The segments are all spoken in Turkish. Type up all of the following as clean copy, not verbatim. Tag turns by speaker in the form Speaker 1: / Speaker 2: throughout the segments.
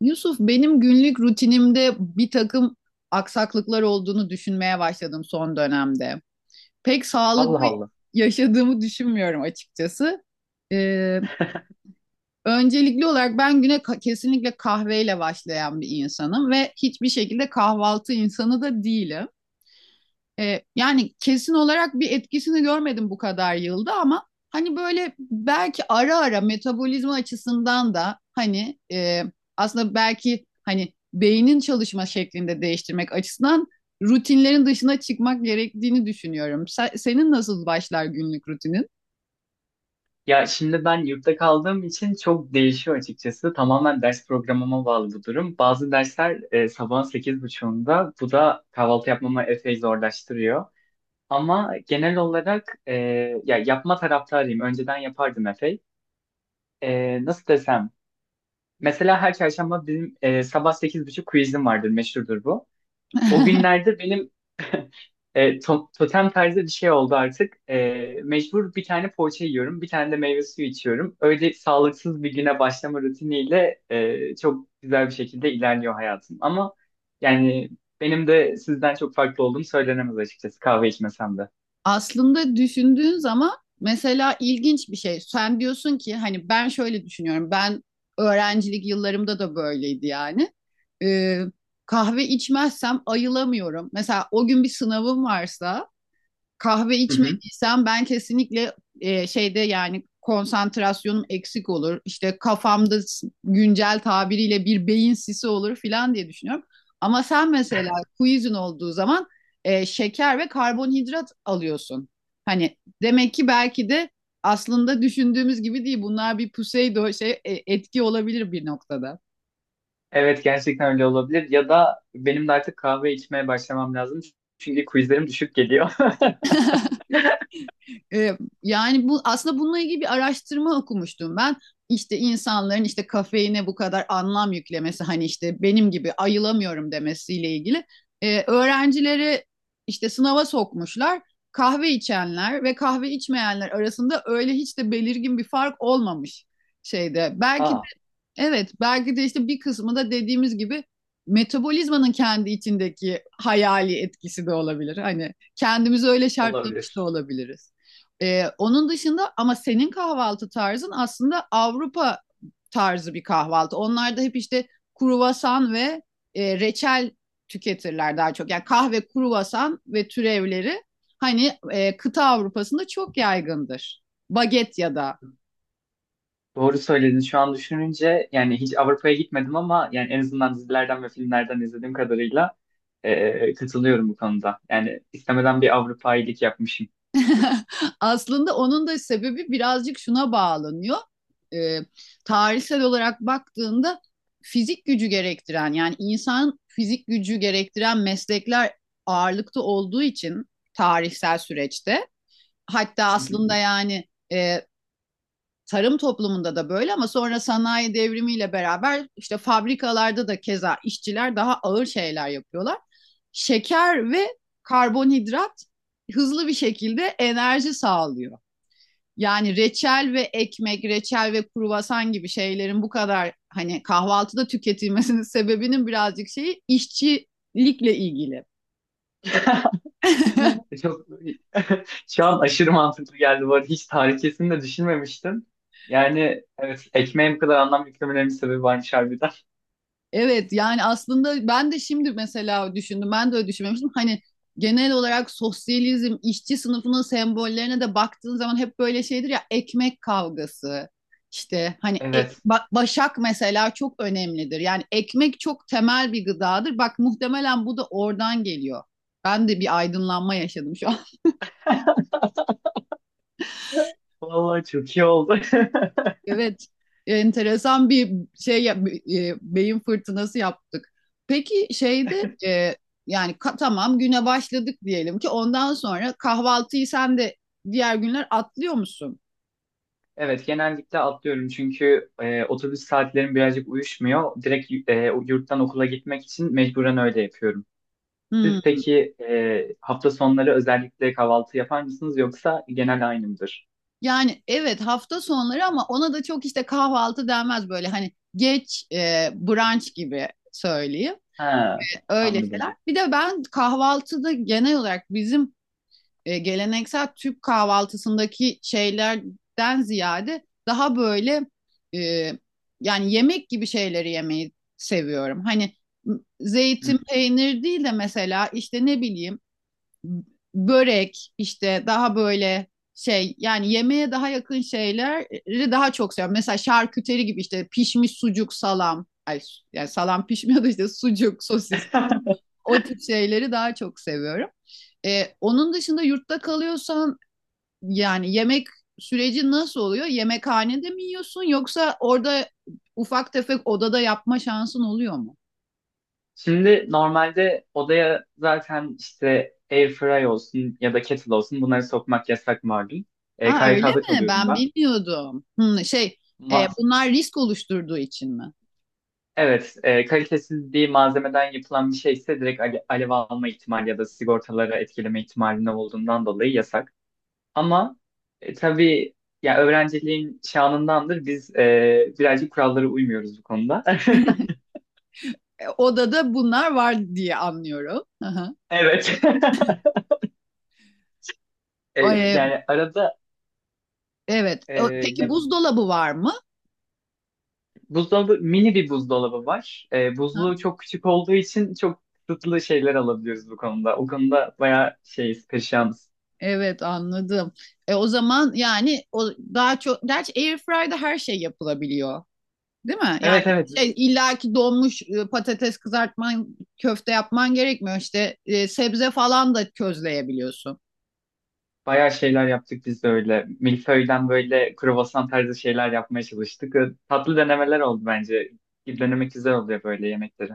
Speaker 1: Yusuf, benim günlük rutinimde bir takım aksaklıklar olduğunu düşünmeye başladım son dönemde. Pek
Speaker 2: Allah
Speaker 1: sağlıklı
Speaker 2: Allah.
Speaker 1: yaşadığımı düşünmüyorum açıkçası. Ee, Öncelikli olarak ben güne kesinlikle kahveyle başlayan bir insanım ve hiçbir şekilde kahvaltı insanı da değilim. Yani kesin olarak bir etkisini görmedim bu kadar yılda ama hani böyle belki ara ara metabolizma açısından da hani aslında belki hani beynin çalışma şeklinde değiştirmek açısından rutinlerin dışına çıkmak gerektiğini düşünüyorum. Senin nasıl başlar günlük rutinin?
Speaker 2: Ya şimdi ben yurtta kaldığım için çok değişiyor açıkçası. Tamamen ders programıma bağlı bu durum. Bazı dersler sabahın 8:30'unda. Bu da kahvaltı yapmamı epey zorlaştırıyor. Ama genel olarak ya yapma taraftarıyım. Önceden yapardım epey. Nasıl desem? Mesela her çarşamba bizim sabah sekiz buçuk quizim vardır. Meşhurdur bu. O günlerde benim totem tarzı bir şey oldu artık. Mecbur bir tane poğaça yiyorum, bir tane de meyve suyu içiyorum. Öyle sağlıksız bir güne başlama rutiniyle çok güzel bir şekilde ilerliyor hayatım. Ama yani benim de sizden çok farklı olduğum söylenemez açıkçası kahve içmesem de.
Speaker 1: Aslında düşündüğün zaman mesela ilginç bir şey. Sen diyorsun ki hani ben şöyle düşünüyorum. Ben öğrencilik yıllarımda da böyleydi yani. Ee, Kahve içmezsem ayılamıyorum. Mesela o gün bir sınavım varsa kahve
Speaker 2: Hı hı.
Speaker 1: içmediysem ben kesinlikle şeyde yani konsantrasyonum eksik olur. İşte kafamda güncel tabiriyle bir beyin sisi olur filan diye düşünüyorum. Ama sen mesela quizin olduğu zaman şeker ve karbonhidrat alıyorsun. Hani demek ki belki de aslında düşündüğümüz gibi değil. Bunlar bir pseudo şey etki olabilir bir noktada.
Speaker 2: Evet, gerçekten öyle olabilir. Ya da benim de artık kahve içmeye başlamam lazım. Çünkü quizlerim düşük geliyor.
Speaker 1: Ee, Yani bu aslında bununla ilgili bir araştırma okumuştum ben. İşte insanların işte kafeine bu kadar anlam yüklemesi hani işte benim gibi ayılamıyorum demesiyle ilgili. Öğrencileri işte sınava sokmuşlar. Kahve içenler ve kahve içmeyenler arasında öyle hiç de belirgin bir fark olmamış şeyde. Belki...
Speaker 2: Aa,
Speaker 1: Evet, belki de işte bir kısmı da dediğimiz gibi metabolizmanın kendi içindeki hayali etkisi de olabilir. Hani kendimizi öyle şartlamış da
Speaker 2: olabilir.
Speaker 1: olabiliriz. Onun dışında ama senin kahvaltı tarzın aslında Avrupa tarzı bir kahvaltı. Onlar da hep işte kruvasan ve reçel tüketirler daha çok. Yani kahve, kruvasan ve türevleri hani kıta Avrupa'sında çok yaygındır. Baget ya da...
Speaker 2: Doğru söyledin. Şu an düşününce yani hiç Avrupa'ya gitmedim ama yani en azından dizilerden ve filmlerden izlediğim kadarıyla katılıyorum bu konuda. Yani istemeden bir Avrupa iyilik yapmışım.
Speaker 1: Aslında onun da sebebi birazcık şuna bağlanıyor. Ee, Tarihsel olarak baktığında fizik gücü gerektiren yani insan fizik gücü gerektiren meslekler ağırlıkta olduğu için tarihsel süreçte hatta
Speaker 2: Hı hı.
Speaker 1: aslında yani e, tarım toplumunda da böyle ama sonra sanayi devrimiyle beraber işte fabrikalarda da keza işçiler daha ağır şeyler yapıyorlar. Şeker ve karbonhidrat hızlı bir şekilde enerji sağlıyor. Yani reçel ve ekmek, reçel ve kruvasan gibi şeylerin bu kadar hani kahvaltıda tüketilmesinin sebebinin birazcık şeyi işçilikle ilgili.
Speaker 2: Çok şu an aşırı mantıklı geldi bu arada. Hiç tarihçesini de düşünmemiştim. Yani evet, ekmeğe bu kadar anlam yüklemelerinin sebebi varmış harbiden.
Speaker 1: Evet yani aslında ben de şimdi mesela düşündüm. Ben de öyle düşünmemiştim. Hani genel olarak sosyalizm, işçi sınıfının sembollerine de baktığın zaman hep böyle şeydir ya ekmek kavgası. İşte hani
Speaker 2: Evet.
Speaker 1: başak mesela çok önemlidir. Yani ekmek çok temel bir gıdadır. Bak muhtemelen bu da oradan geliyor. Ben de bir aydınlanma yaşadım şu...
Speaker 2: Vallahi çok iyi oldu.
Speaker 1: Evet, enteresan bir şey beyin fırtınası yaptık. Peki şeyde yani tamam güne başladık diyelim ki ondan sonra kahvaltıyı sen de diğer günler atlıyor musun?
Speaker 2: Evet, genellikle atlıyorum çünkü otobüs saatlerim birazcık uyuşmuyor. Direkt yurttan okula gitmek için mecburen öyle yapıyorum. Siz
Speaker 1: Hmm.
Speaker 2: peki hafta sonları özellikle kahvaltı yapar mısınız yoksa genel aynı mıdır?
Speaker 1: Yani evet hafta sonları ama ona da çok işte kahvaltı denmez böyle hani geç brunch gibi söyleyeyim.
Speaker 2: Ha,
Speaker 1: Öyle
Speaker 2: anladım.
Speaker 1: şeyler. Bir de ben kahvaltıda genel olarak bizim geleneksel Türk kahvaltısındaki şeylerden ziyade daha böyle e, yani yemek gibi şeyleri yemeyi seviyorum. Hani zeytin
Speaker 2: Hı.
Speaker 1: peynir değil de mesela işte ne bileyim börek işte daha böyle şey yani yemeğe daha yakın şeyleri daha çok seviyorum. Mesela şarküteri gibi işte pişmiş sucuk salam. Ay, yani salam pişmiyor da işte sucuk, sosis o tip şeyleri daha çok seviyorum. Onun dışında yurtta kalıyorsan yani yemek süreci nasıl oluyor? Yemekhanede mi yiyorsun yoksa orada ufak tefek odada yapma şansın oluyor mu?
Speaker 2: Şimdi normalde odaya zaten işte airfryer olsun ya da kettle olsun bunları sokmak yasak malum.
Speaker 1: Ha öyle
Speaker 2: KYK'da
Speaker 1: mi?
Speaker 2: kalıyorum
Speaker 1: Ben
Speaker 2: ben.
Speaker 1: bilmiyordum. Hmm, şey
Speaker 2: Ma-
Speaker 1: bunlar risk oluşturduğu için mi?
Speaker 2: Evet, kalitesiz bir malzemeden yapılan bir şeyse direkt alev alma ihtimali ya da sigortaları etkileme ihtimalinde olduğundan dolayı yasak. Ama tabii ya, öğrenciliğin şanındandır, biz birazcık kurallara uymuyoruz bu konuda.
Speaker 1: Odada bunlar var diye anlıyorum. Hı hı.
Speaker 2: Evet. E,
Speaker 1: O,
Speaker 2: Yani arada
Speaker 1: evet.
Speaker 2: e,
Speaker 1: Peki
Speaker 2: ya-
Speaker 1: buzdolabı var mı?
Speaker 2: buzdolabı mini bir buzdolabı var.
Speaker 1: Hı.
Speaker 2: Buzluğu çok küçük olduğu için çok kısıtlı şeyler alabiliyoruz bu konuda. O konuda bayağı şeyiz, perişanız.
Speaker 1: Evet anladım. O zaman yani o daha çok gerçi airfryer'da her şey yapılabiliyor. Değil mi? Yani
Speaker 2: Evet, evet.
Speaker 1: şey, illaki donmuş patates kızartman, köfte yapman gerekmiyor. İşte sebze falan da közleyebiliyorsun.
Speaker 2: Bayağı şeyler yaptık biz de öyle. Milföy'den böyle kruvasan tarzı şeyler yapmaya çalıştık. Tatlı denemeler oldu bence. Denemek güzel oluyor böyle yemekleri.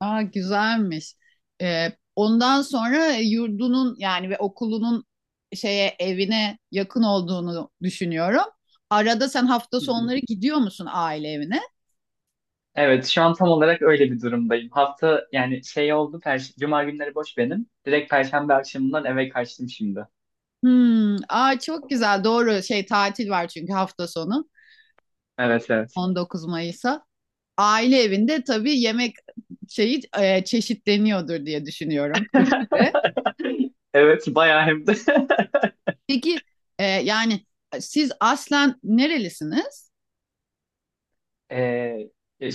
Speaker 1: Aa güzelmiş. E, Ondan sonra yurdunun yani ve okulunun şeye evine yakın olduğunu düşünüyorum. Arada sen hafta
Speaker 2: Hı hı.
Speaker 1: sonları gidiyor musun aile evine?
Speaker 2: Evet, şu an tam olarak öyle bir durumdayım. Hafta yani şey oldu, per Cuma günleri boş benim. Direkt Perşembe akşamından eve kaçtım şimdi.
Speaker 1: Hmm, aa çok güzel. Doğru şey tatil var çünkü hafta sonu
Speaker 2: Evet, evet.
Speaker 1: 19 Mayıs. Aile evinde tabii yemek şeyi çeşitleniyordur diye düşünüyorum Türkiye'de.
Speaker 2: Evet, bayağı hem de.
Speaker 1: Peki yani siz aslen nerelisiniz?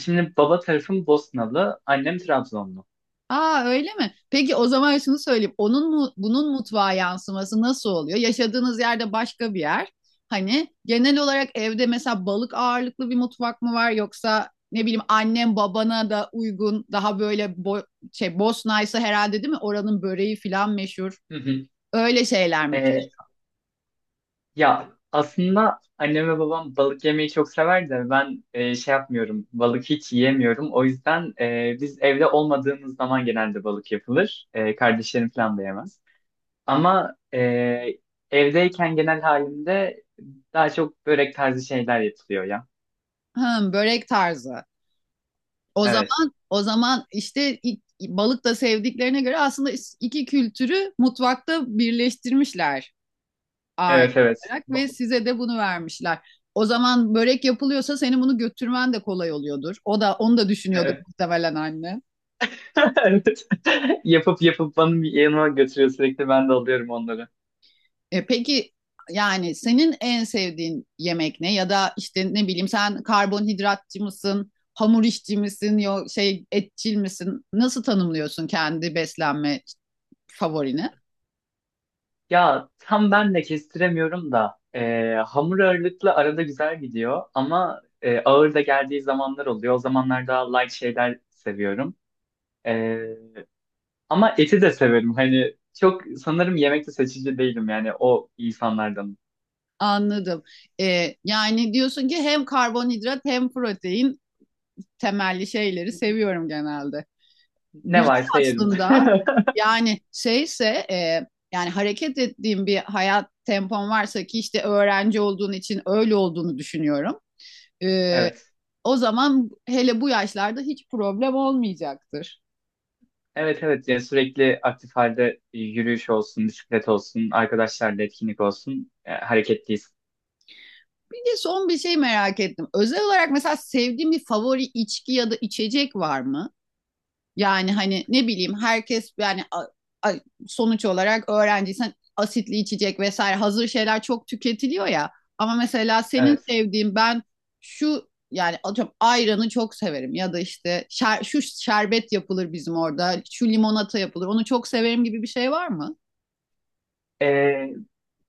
Speaker 2: Şimdi baba tarafım Bosnalı, annem Trabzonlu.
Speaker 1: Aa öyle mi? Peki o zaman şunu söyleyeyim. Onun mu, bunun mutfağa yansıması nasıl oluyor? Yaşadığınız yerde başka bir yer. Hani genel olarak evde mesela balık ağırlıklı bir mutfak mı var yoksa ne bileyim annem babana da uygun daha böyle şey Bosna herhalde değil mi? Oranın böreği falan meşhur.
Speaker 2: Hı hı.
Speaker 1: Öyle şeyler mi
Speaker 2: Ee,
Speaker 1: pişiyor?
Speaker 2: Ya aslında annem ve babam balık yemeyi çok sever de ben şey yapmıyorum. Balık hiç yiyemiyorum. O yüzden biz evde olmadığımız zaman genelde balık yapılır. E, kardeşlerim falan da yemez. Ama evdeyken genel halimde daha çok börek tarzı şeyler yapılıyor ya.
Speaker 1: Hım, börek tarzı. O
Speaker 2: Evet.
Speaker 1: zaman o zaman işte balık da sevdiklerine göre aslında iki kültürü mutfakta birleştirmişler. Aile
Speaker 2: Evet, evet.
Speaker 1: olarak ve size de bunu vermişler. O zaman börek yapılıyorsa senin bunu götürmen de kolay oluyordur. O da onu da düşünüyordur
Speaker 2: Evet.
Speaker 1: muhtemelen anne.
Speaker 2: Evet. Yapıp yapıp bana bir yanıma götürüyor sürekli, ben de alıyorum onları.
Speaker 1: Peki yani senin en sevdiğin yemek ne? Ya da işte ne bileyim sen karbonhidratçı mısın? Hamur işçi misin? Yo, şey etçil misin? Nasıl tanımlıyorsun kendi beslenme favorini?
Speaker 2: Ya tam ben de kestiremiyorum da hamur ağırlıklı arada güzel gidiyor ama ağır da geldiği zamanlar oluyor. O zamanlar daha light şeyler seviyorum. E, Ama eti de severim. Hani çok sanırım yemekte seçici değilim yani o insanlardan.
Speaker 1: Anladım. Yani diyorsun ki hem karbonhidrat hem protein temelli şeyleri seviyorum genelde.
Speaker 2: Ne
Speaker 1: Güzel
Speaker 2: varsa yerim.
Speaker 1: aslında. Yani şeyse e, yani hareket ettiğim bir hayat tempom varsa ki işte öğrenci olduğun için öyle olduğunu düşünüyorum. E,
Speaker 2: Evet.
Speaker 1: O zaman hele bu yaşlarda hiç problem olmayacaktır.
Speaker 2: Evet, evet, yani sürekli aktif halde, yürüyüş olsun, bisiklet olsun, arkadaşlarla etkinlik olsun, hareketliyiz.
Speaker 1: Bir de son bir şey merak ettim. Özel olarak mesela sevdiğin bir favori içki ya da içecek var mı? Yani hani ne bileyim herkes yani a- sonuç olarak öğrenciysen asitli içecek vesaire hazır şeyler çok tüketiliyor ya. Ama mesela senin
Speaker 2: Evet.
Speaker 1: sevdiğin ben şu yani atıyorum ayranı çok severim ya da işte şu şerbet yapılır bizim orada, şu limonata yapılır. Onu çok severim gibi bir şey var mı?
Speaker 2: Ee,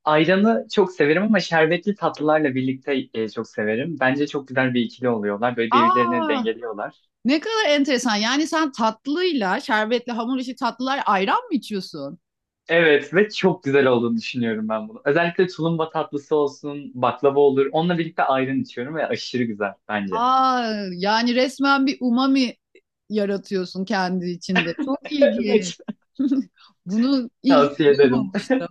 Speaker 2: Ayranı çok severim ama şerbetli tatlılarla birlikte çok severim. Bence çok güzel bir ikili oluyorlar. Böyle birbirlerini
Speaker 1: Aa,
Speaker 2: dengeliyorlar.
Speaker 1: ne kadar enteresan. Yani sen tatlıyla, şerbetle hamur işi tatlılar ayran mı içiyorsun?
Speaker 2: Evet ve çok güzel olduğunu düşünüyorum ben bunu. Özellikle tulumba tatlısı olsun, baklava olur. Onunla birlikte ayran içiyorum ve aşırı güzel bence.
Speaker 1: Aa, yani resmen bir umami yaratıyorsun kendi içinde. Çok ilginç.
Speaker 2: Evet.
Speaker 1: Bunu hiç
Speaker 2: Tavsiye ederim.
Speaker 1: duymamıştım.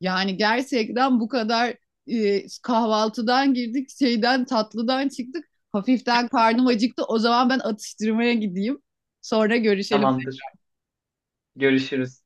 Speaker 1: Yani gerçekten bu kadar kahvaltıdan girdik, şeyden tatlıdan çıktık. Hafiften karnım acıktı. O zaman ben atıştırmaya gideyim. Sonra görüşelim.
Speaker 2: Tamamdır. Görüşürüz.